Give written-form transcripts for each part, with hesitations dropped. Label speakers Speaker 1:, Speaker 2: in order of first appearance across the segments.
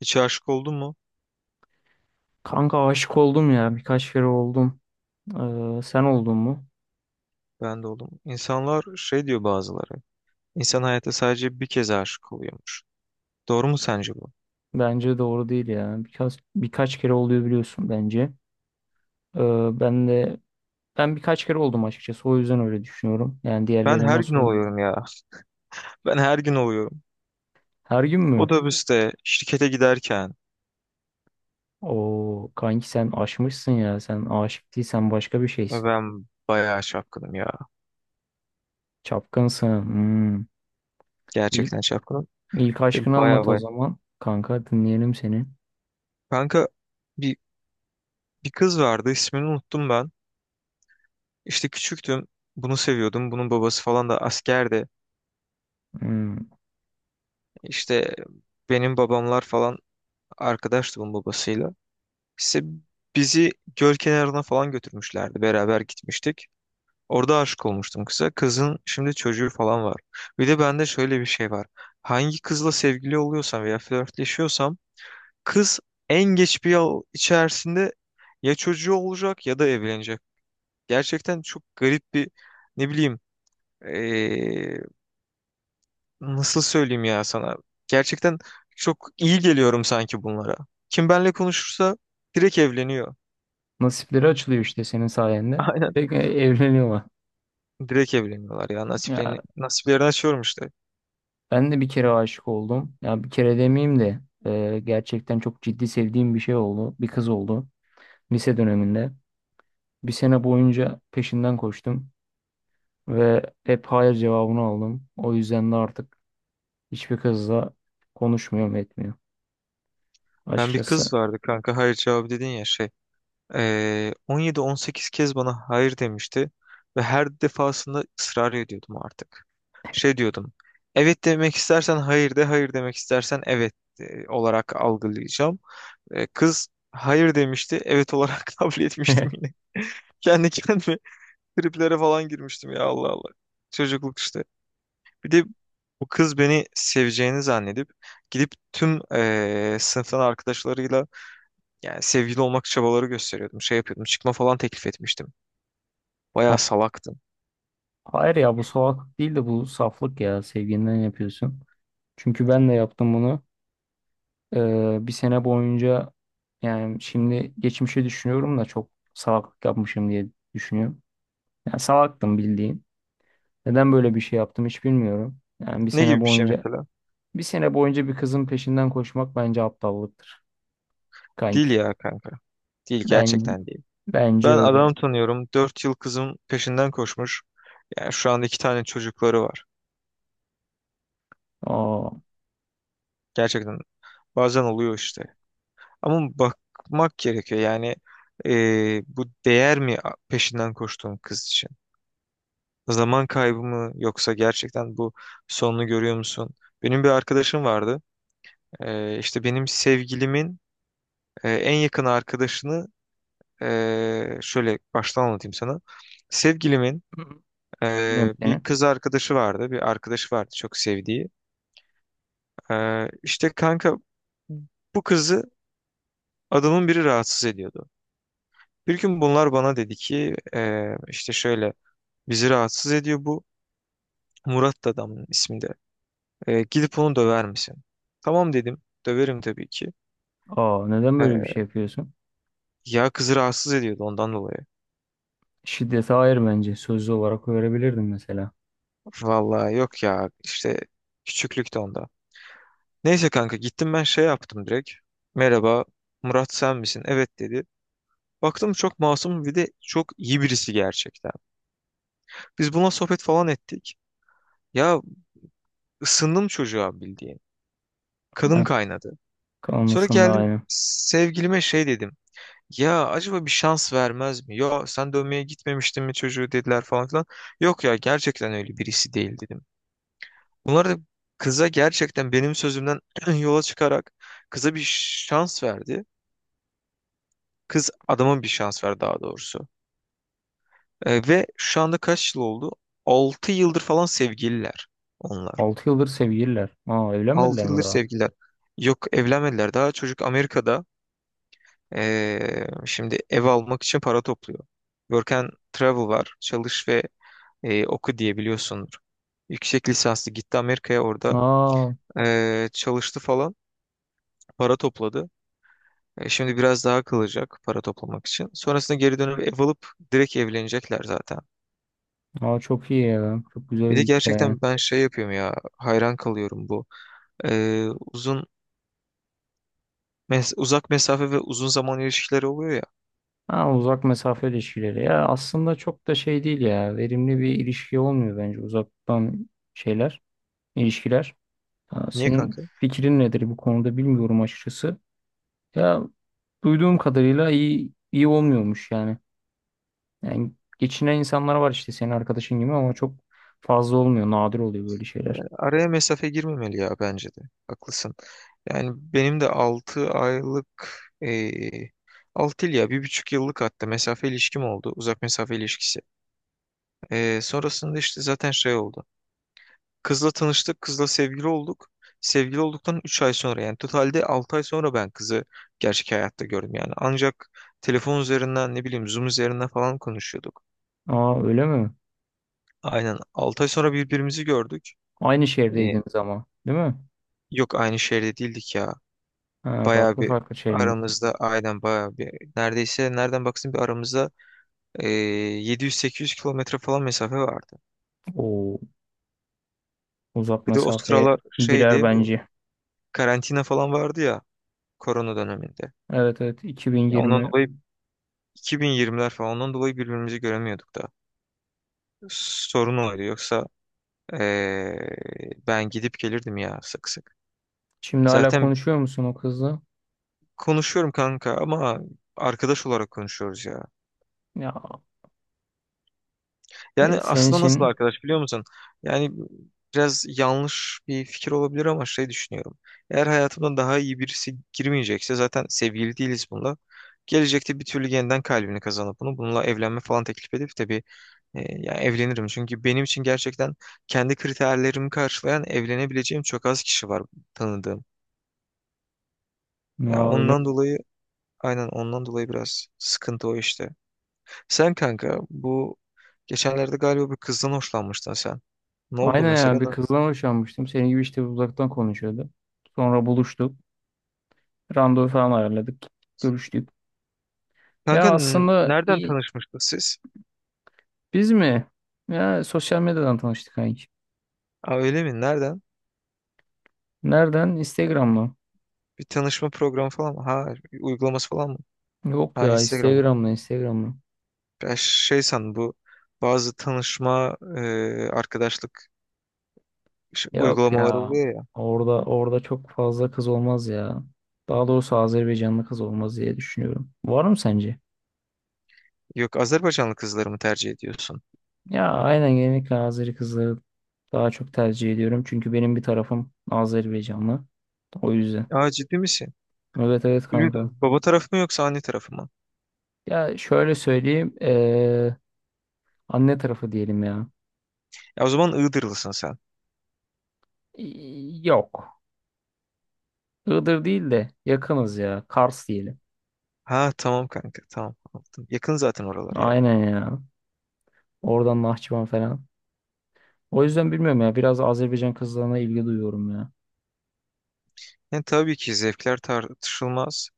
Speaker 1: Hiç aşık oldun mu?
Speaker 2: Kanka aşık oldum ya. Birkaç kere oldum. Sen oldun mu?
Speaker 1: Ben de oldum. İnsanlar şey diyor bazıları. İnsan hayatta sadece bir kez aşık oluyormuş. Doğru mu sence bu?
Speaker 2: Bence doğru değil ya. Birkaç kere oluyor biliyorsun bence. Ee, ben de Ben birkaç kere oldum açıkçası. O yüzden öyle düşünüyorum. Yani
Speaker 1: Ben
Speaker 2: diğerleri
Speaker 1: her gün
Speaker 2: nasıl?
Speaker 1: oluyorum ya. Ben her gün oluyorum.
Speaker 2: Her gün mü?
Speaker 1: Otobüste, şirkete giderken
Speaker 2: O kanki sen aşmışsın ya. Sen aşık değilsen başka bir şeysin.
Speaker 1: ben bayağı çapkınım ya.
Speaker 2: Çapkınsın. Hmm. İlk,
Speaker 1: Gerçekten çapkınım.
Speaker 2: ilk
Speaker 1: Ve
Speaker 2: aşkını
Speaker 1: bayağı
Speaker 2: anlat o
Speaker 1: bayağı.
Speaker 2: zaman. Kanka dinleyelim seni.
Speaker 1: Kanka bir, bir kız vardı, ismini unuttum ben. İşte küçüktüm. Bunu seviyordum. Bunun babası falan da askerdi.
Speaker 2: Hmm.
Speaker 1: İşte benim babamlar falan arkadaştı bunun babasıyla. İşte bizi göl kenarına falan götürmüşlerdi. Beraber gitmiştik. Orada aşık olmuştum kıza. Kızın şimdi çocuğu falan var. Bir de bende şöyle bir şey var. Hangi kızla sevgili oluyorsam veya flörtleşiyorsam, kız en geç bir yıl içerisinde ya çocuğu olacak ya da evlenecek. Gerçekten çok garip bir, ne bileyim, eee, nasıl söyleyeyim ya sana. Gerçekten çok iyi geliyorum sanki bunlara. Kim benle konuşursa direkt evleniyor.
Speaker 2: Nasipleri açılıyor işte senin sayende. Bir
Speaker 1: Aynen.
Speaker 2: de evleniyorlar.
Speaker 1: Direkt evleniyorlar ya.
Speaker 2: Ya,
Speaker 1: Nasiplerini açıyorum işte.
Speaker 2: ben de bir kere aşık oldum. Ya bir kere demeyeyim de gerçekten çok ciddi sevdiğim bir şey oldu. Bir kız oldu lise döneminde. Bir sene boyunca peşinden koştum ve hep hayır cevabını aldım. O yüzden de artık hiçbir kızla konuşmuyorum etmiyorum
Speaker 1: Ben bir
Speaker 2: açıkçası.
Speaker 1: kız vardı kanka, hayır cevabı dedin ya, şey. 17-18 kez bana hayır demişti. Ve her defasında ısrar ediyordum artık. Şey diyordum. Evet demek istersen hayır de, hayır demek istersen evet olarak algılayacağım. Kız hayır demişti, evet olarak kabul etmiştim yine. Kendi kendime triplere falan girmiştim ya, Allah Allah. Çocukluk işte. Bir de bu kız beni seveceğini zannedip gidip tüm sınıftan arkadaşlarıyla, yani sevgili olmak çabaları gösteriyordum. Şey yapıyordum. Çıkma falan teklif etmiştim.
Speaker 2: Ha-
Speaker 1: Bayağı salaktım.
Speaker 2: Hayır ya, bu salaklık değil de bu saflık, ya sevginden yapıyorsun. Çünkü ben de yaptım bunu. Bir sene boyunca, yani şimdi geçmişe düşünüyorum da çok salaklık yapmışım diye düşünüyorum. Yani salaktım bildiğin. Neden böyle bir şey yaptım hiç bilmiyorum. Yani
Speaker 1: Ne gibi bir şey mesela?
Speaker 2: bir sene boyunca bir kızın peşinden koşmak bence aptallıktır kanki.
Speaker 1: Değil ya kanka. Değil,
Speaker 2: Ben
Speaker 1: gerçekten değil.
Speaker 2: Bence
Speaker 1: Ben
Speaker 2: öyle.
Speaker 1: adam tanıyorum. 4 yıl kızım peşinden koşmuş. Yani şu anda iki tane çocukları var.
Speaker 2: Aa,
Speaker 1: Gerçekten bazen oluyor işte. Ama bakmak gerekiyor. Yani bu değer mi peşinden koştuğum kız için? Zaman kaybı mı, yoksa gerçekten bu sonunu görüyor musun? Benim bir arkadaşım vardı. İşte benim sevgilimin en yakın arkadaşını, şöyle baştan anlatayım sana. Sevgilimin
Speaker 2: bilmiyorum
Speaker 1: bir
Speaker 2: seni.
Speaker 1: kız arkadaşı vardı. Bir arkadaşı vardı çok sevdiği. İşte kanka bu kızı adamın biri rahatsız ediyordu. Bir gün bunlar bana dedi ki işte şöyle, bizi rahatsız ediyor bu. Murat da adamın isminde. Gidip onu döver misin? Tamam dedim. Döverim tabii ki.
Speaker 2: Aa, neden böyle bir
Speaker 1: E,
Speaker 2: şey yapıyorsun?
Speaker 1: ya kızı rahatsız ediyordu, ondan dolayı.
Speaker 2: Şiddete hayır bence. Sözlü olarak öğrebilirdim mesela.
Speaker 1: Vallahi yok ya, işte küçüklükte onda. Neyse kanka, gittim ben, şey yaptım direkt. Merhaba Murat, sen misin? Evet dedi. Baktım çok masum, bir de çok iyi birisi gerçekten. Biz bununla sohbet falan ettik. Ya ısındım çocuğa, bildiğin. Kanım
Speaker 2: Ha,
Speaker 1: kaynadı. Sonra
Speaker 2: kalmasında
Speaker 1: geldim
Speaker 2: aynı.
Speaker 1: sevgilime şey dedim. Ya acaba bir şans vermez mi? Ya sen dövmeye gitmemiştin mi çocuğu dediler falan filan. Yok ya, gerçekten öyle birisi değil dedim. Bunlar da kıza gerçekten benim sözümden yola çıkarak kıza bir şans verdi. Kız adama bir şans verdi daha doğrusu. Ve şu anda kaç yıl oldu? 6 yıldır falan sevgililer onlar.
Speaker 2: Altı yıldır sevgililer. Aa, evlenmediler
Speaker 1: 6
Speaker 2: mi
Speaker 1: yıldır
Speaker 2: daha?
Speaker 1: sevgililer. Yok, evlenmediler. Daha çocuk Amerika'da şimdi ev almak için para topluyor. Work and Travel var. Çalış ve oku diye biliyorsundur. Yüksek lisanslı gitti Amerika'ya, orada
Speaker 2: Aa,
Speaker 1: çalıştı falan, para topladı. Şimdi biraz daha kalacak para toplamak için. Sonrasında geri dönüp ev alıp direkt evlenecekler zaten.
Speaker 2: Aa, çok iyi ya. Çok güzel
Speaker 1: Bir
Speaker 2: bir
Speaker 1: de
Speaker 2: hikaye.
Speaker 1: gerçekten ben şey yapıyorum ya, hayran kalıyorum bu. E, uzun, uzak mesafe ve uzun zaman ilişkileri oluyor ya.
Speaker 2: Ha, uzak mesafe ilişkileri ya aslında çok da şey değil, ya verimli bir ilişki olmuyor bence uzaktan şeyler, ilişkiler. Ha,
Speaker 1: Niye
Speaker 2: senin
Speaker 1: kanka?
Speaker 2: fikrin nedir bu konuda, bilmiyorum açıkçası. Ya, duyduğum kadarıyla iyi olmuyormuş yani. Yani geçinen insanlar var işte senin arkadaşın gibi, ama çok fazla olmuyor, nadir oluyor böyle şeyler.
Speaker 1: Araya mesafe girmemeli ya, bence de. Haklısın. Yani benim de 6 aylık, eee 6 yıl ya bir buçuk yıllık hatta mesafe ilişkim oldu. Uzak mesafe ilişkisi. Sonrasında işte zaten şey oldu. Kızla tanıştık. Kızla sevgili olduk. Sevgili olduktan 3 ay sonra, yani totalde 6 ay sonra ben kızı gerçek hayatta gördüm yani. Ancak telefon üzerinden, ne bileyim, Zoom üzerinden falan konuşuyorduk.
Speaker 2: Aa, öyle mi?
Speaker 1: Aynen, 6 ay sonra birbirimizi gördük.
Speaker 2: Aynı
Speaker 1: Eee,
Speaker 2: şehirdeydiniz ama değil mi?
Speaker 1: yok aynı şehirde değildik ya.
Speaker 2: Ha,
Speaker 1: Bayağı bir
Speaker 2: farklı şehirler.
Speaker 1: aramızda, aynen bayağı bir, neredeyse nereden baksın bir aramızda Ee, 700-800 kilometre falan mesafe vardı.
Speaker 2: O uzak
Speaker 1: Bir de o
Speaker 2: mesafeye
Speaker 1: sıralar
Speaker 2: girer
Speaker 1: şeydi, bu
Speaker 2: bence.
Speaker 1: karantina falan vardı ya, korona döneminde.
Speaker 2: Evet, evet,
Speaker 1: Ya ondan
Speaker 2: 2020.
Speaker 1: dolayı, 2020'ler falan, ondan dolayı birbirimizi göremiyorduk da. Sorun oydu, yoksa ee, ben gidip gelirdim ya sık sık.
Speaker 2: Şimdi hala
Speaker 1: Zaten
Speaker 2: konuşuyor musun o kızla?
Speaker 1: konuşuyorum kanka, ama arkadaş olarak konuşuyoruz ya.
Speaker 2: Ya,
Speaker 1: Yani
Speaker 2: senin
Speaker 1: aslında nasıl
Speaker 2: için.
Speaker 1: arkadaş, biliyor musun? Yani biraz yanlış bir fikir olabilir ama şey düşünüyorum. Eğer hayatımda daha iyi birisi girmeyecekse, zaten sevgili değiliz bununla. Gelecekte bir türlü yeniden kalbini kazanıp bunu, bununla evlenme falan teklif edip, tabii yani evlenirim. Çünkü benim için gerçekten kendi kriterlerimi karşılayan evlenebileceğim çok az kişi var tanıdığım. Ya
Speaker 2: Ya, öyle
Speaker 1: ondan
Speaker 2: mi?
Speaker 1: dolayı, aynen ondan dolayı biraz sıkıntı o işte. Sen kanka, bu geçenlerde galiba bir kızdan hoşlanmıştın sen. Ne oldu
Speaker 2: Aynen
Speaker 1: mesela?
Speaker 2: ya, bir kızdan hoşlanmıştım. Senin gibi işte, uzaktan konuşuyordu. Sonra buluştuk. Randevu falan ayarladık. Görüştük.
Speaker 1: Kanka
Speaker 2: Ya aslında
Speaker 1: nereden
Speaker 2: iyi-
Speaker 1: tanışmıştınız siz?
Speaker 2: Biz mi? Ya sosyal medyadan tanıştık kanki.
Speaker 1: Aa, öyle mi? Nereden?
Speaker 2: Nereden? Instagram'la.
Speaker 1: Bir tanışma programı falan mı? Ha, bir uygulaması falan mı?
Speaker 2: Yok
Speaker 1: Ha,
Speaker 2: ya,
Speaker 1: Instagram'a.
Speaker 2: Instagram'la.
Speaker 1: Ben şey sandım, bu bazı tanışma arkadaşlık
Speaker 2: Yok
Speaker 1: uygulamaları
Speaker 2: ya.
Speaker 1: oluyor ya.
Speaker 2: Orada çok fazla kız olmaz ya. Daha doğrusu Azerbaycanlı kız olmaz diye düşünüyorum. Var mı sence?
Speaker 1: Yok, Azerbaycanlı kızları mı tercih ediyorsun?
Speaker 2: Ya aynen, genellikle Azeri kızları daha çok tercih ediyorum. Çünkü benim bir tarafım Azerbaycanlı. O yüzden.
Speaker 1: Aa, ciddi misin?
Speaker 2: Evet, evet kanka.
Speaker 1: Bilmiyordum. Baba tarafı mı yoksa anne tarafı mı?
Speaker 2: Ya şöyle söyleyeyim. Anne tarafı diyelim ya.
Speaker 1: Ya o zaman Iğdırlısın sen.
Speaker 2: Yok. Iğdır değil de yakınız ya. Kars diyelim.
Speaker 1: Ha tamam kanka, tamam. Anladım. Yakın zaten oralar ya.
Speaker 2: Aynen ya. Oradan Nahçıvan falan. O yüzden bilmiyorum ya. Biraz Azerbaycan kızlarına ilgi duyuyorum ya.
Speaker 1: Yani tabii ki zevkler tartışılmaz.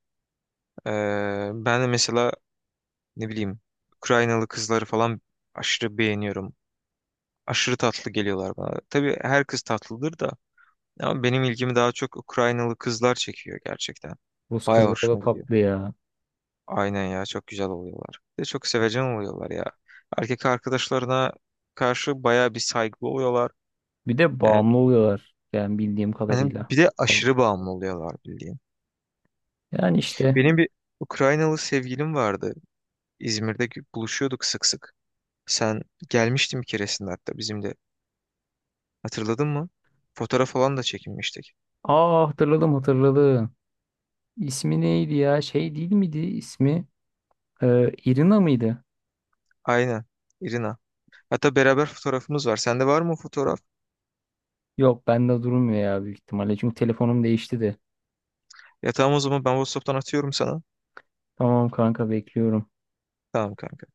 Speaker 1: Ben de mesela, ne bileyim, Ukraynalı kızları falan aşırı beğeniyorum. Aşırı tatlı geliyorlar bana. Tabii her kız tatlıdır da, ama benim ilgimi daha çok Ukraynalı kızlar çekiyor gerçekten.
Speaker 2: Rus
Speaker 1: Bayağı
Speaker 2: kızları da
Speaker 1: hoşuma gidiyor.
Speaker 2: tatlı ya.
Speaker 1: Aynen ya, çok güzel oluyorlar. Bir de çok sevecen oluyorlar ya. Erkek arkadaşlarına karşı bayağı bir saygılı oluyorlar.
Speaker 2: Bir de
Speaker 1: Yani
Speaker 2: bağımlı oluyorlar. Yani bildiğim
Speaker 1: hani
Speaker 2: kadarıyla.
Speaker 1: bir de aşırı bağımlı oluyorlar, bildiğin.
Speaker 2: Yani işte.
Speaker 1: Benim bir Ukraynalı sevgilim vardı. İzmir'de buluşuyorduk sık sık. Sen gelmiştin bir keresinde hatta bizim de. Hatırladın mı? Fotoğraf falan da çekinmiştik.
Speaker 2: Aa, hatırladım, hatırladım. İsmi neydi ya? Şey değil miydi ismi? Irina mıydı?
Speaker 1: Aynen. İrina. Hatta beraber fotoğrafımız var. Sende var mı o fotoğraf?
Speaker 2: Yok, bende durmuyor ya, büyük ihtimalle. Çünkü telefonum değişti de.
Speaker 1: Ya tamam, o zaman ben WhatsApp'tan atıyorum sana.
Speaker 2: Tamam kanka, bekliyorum.
Speaker 1: Tamam kanka.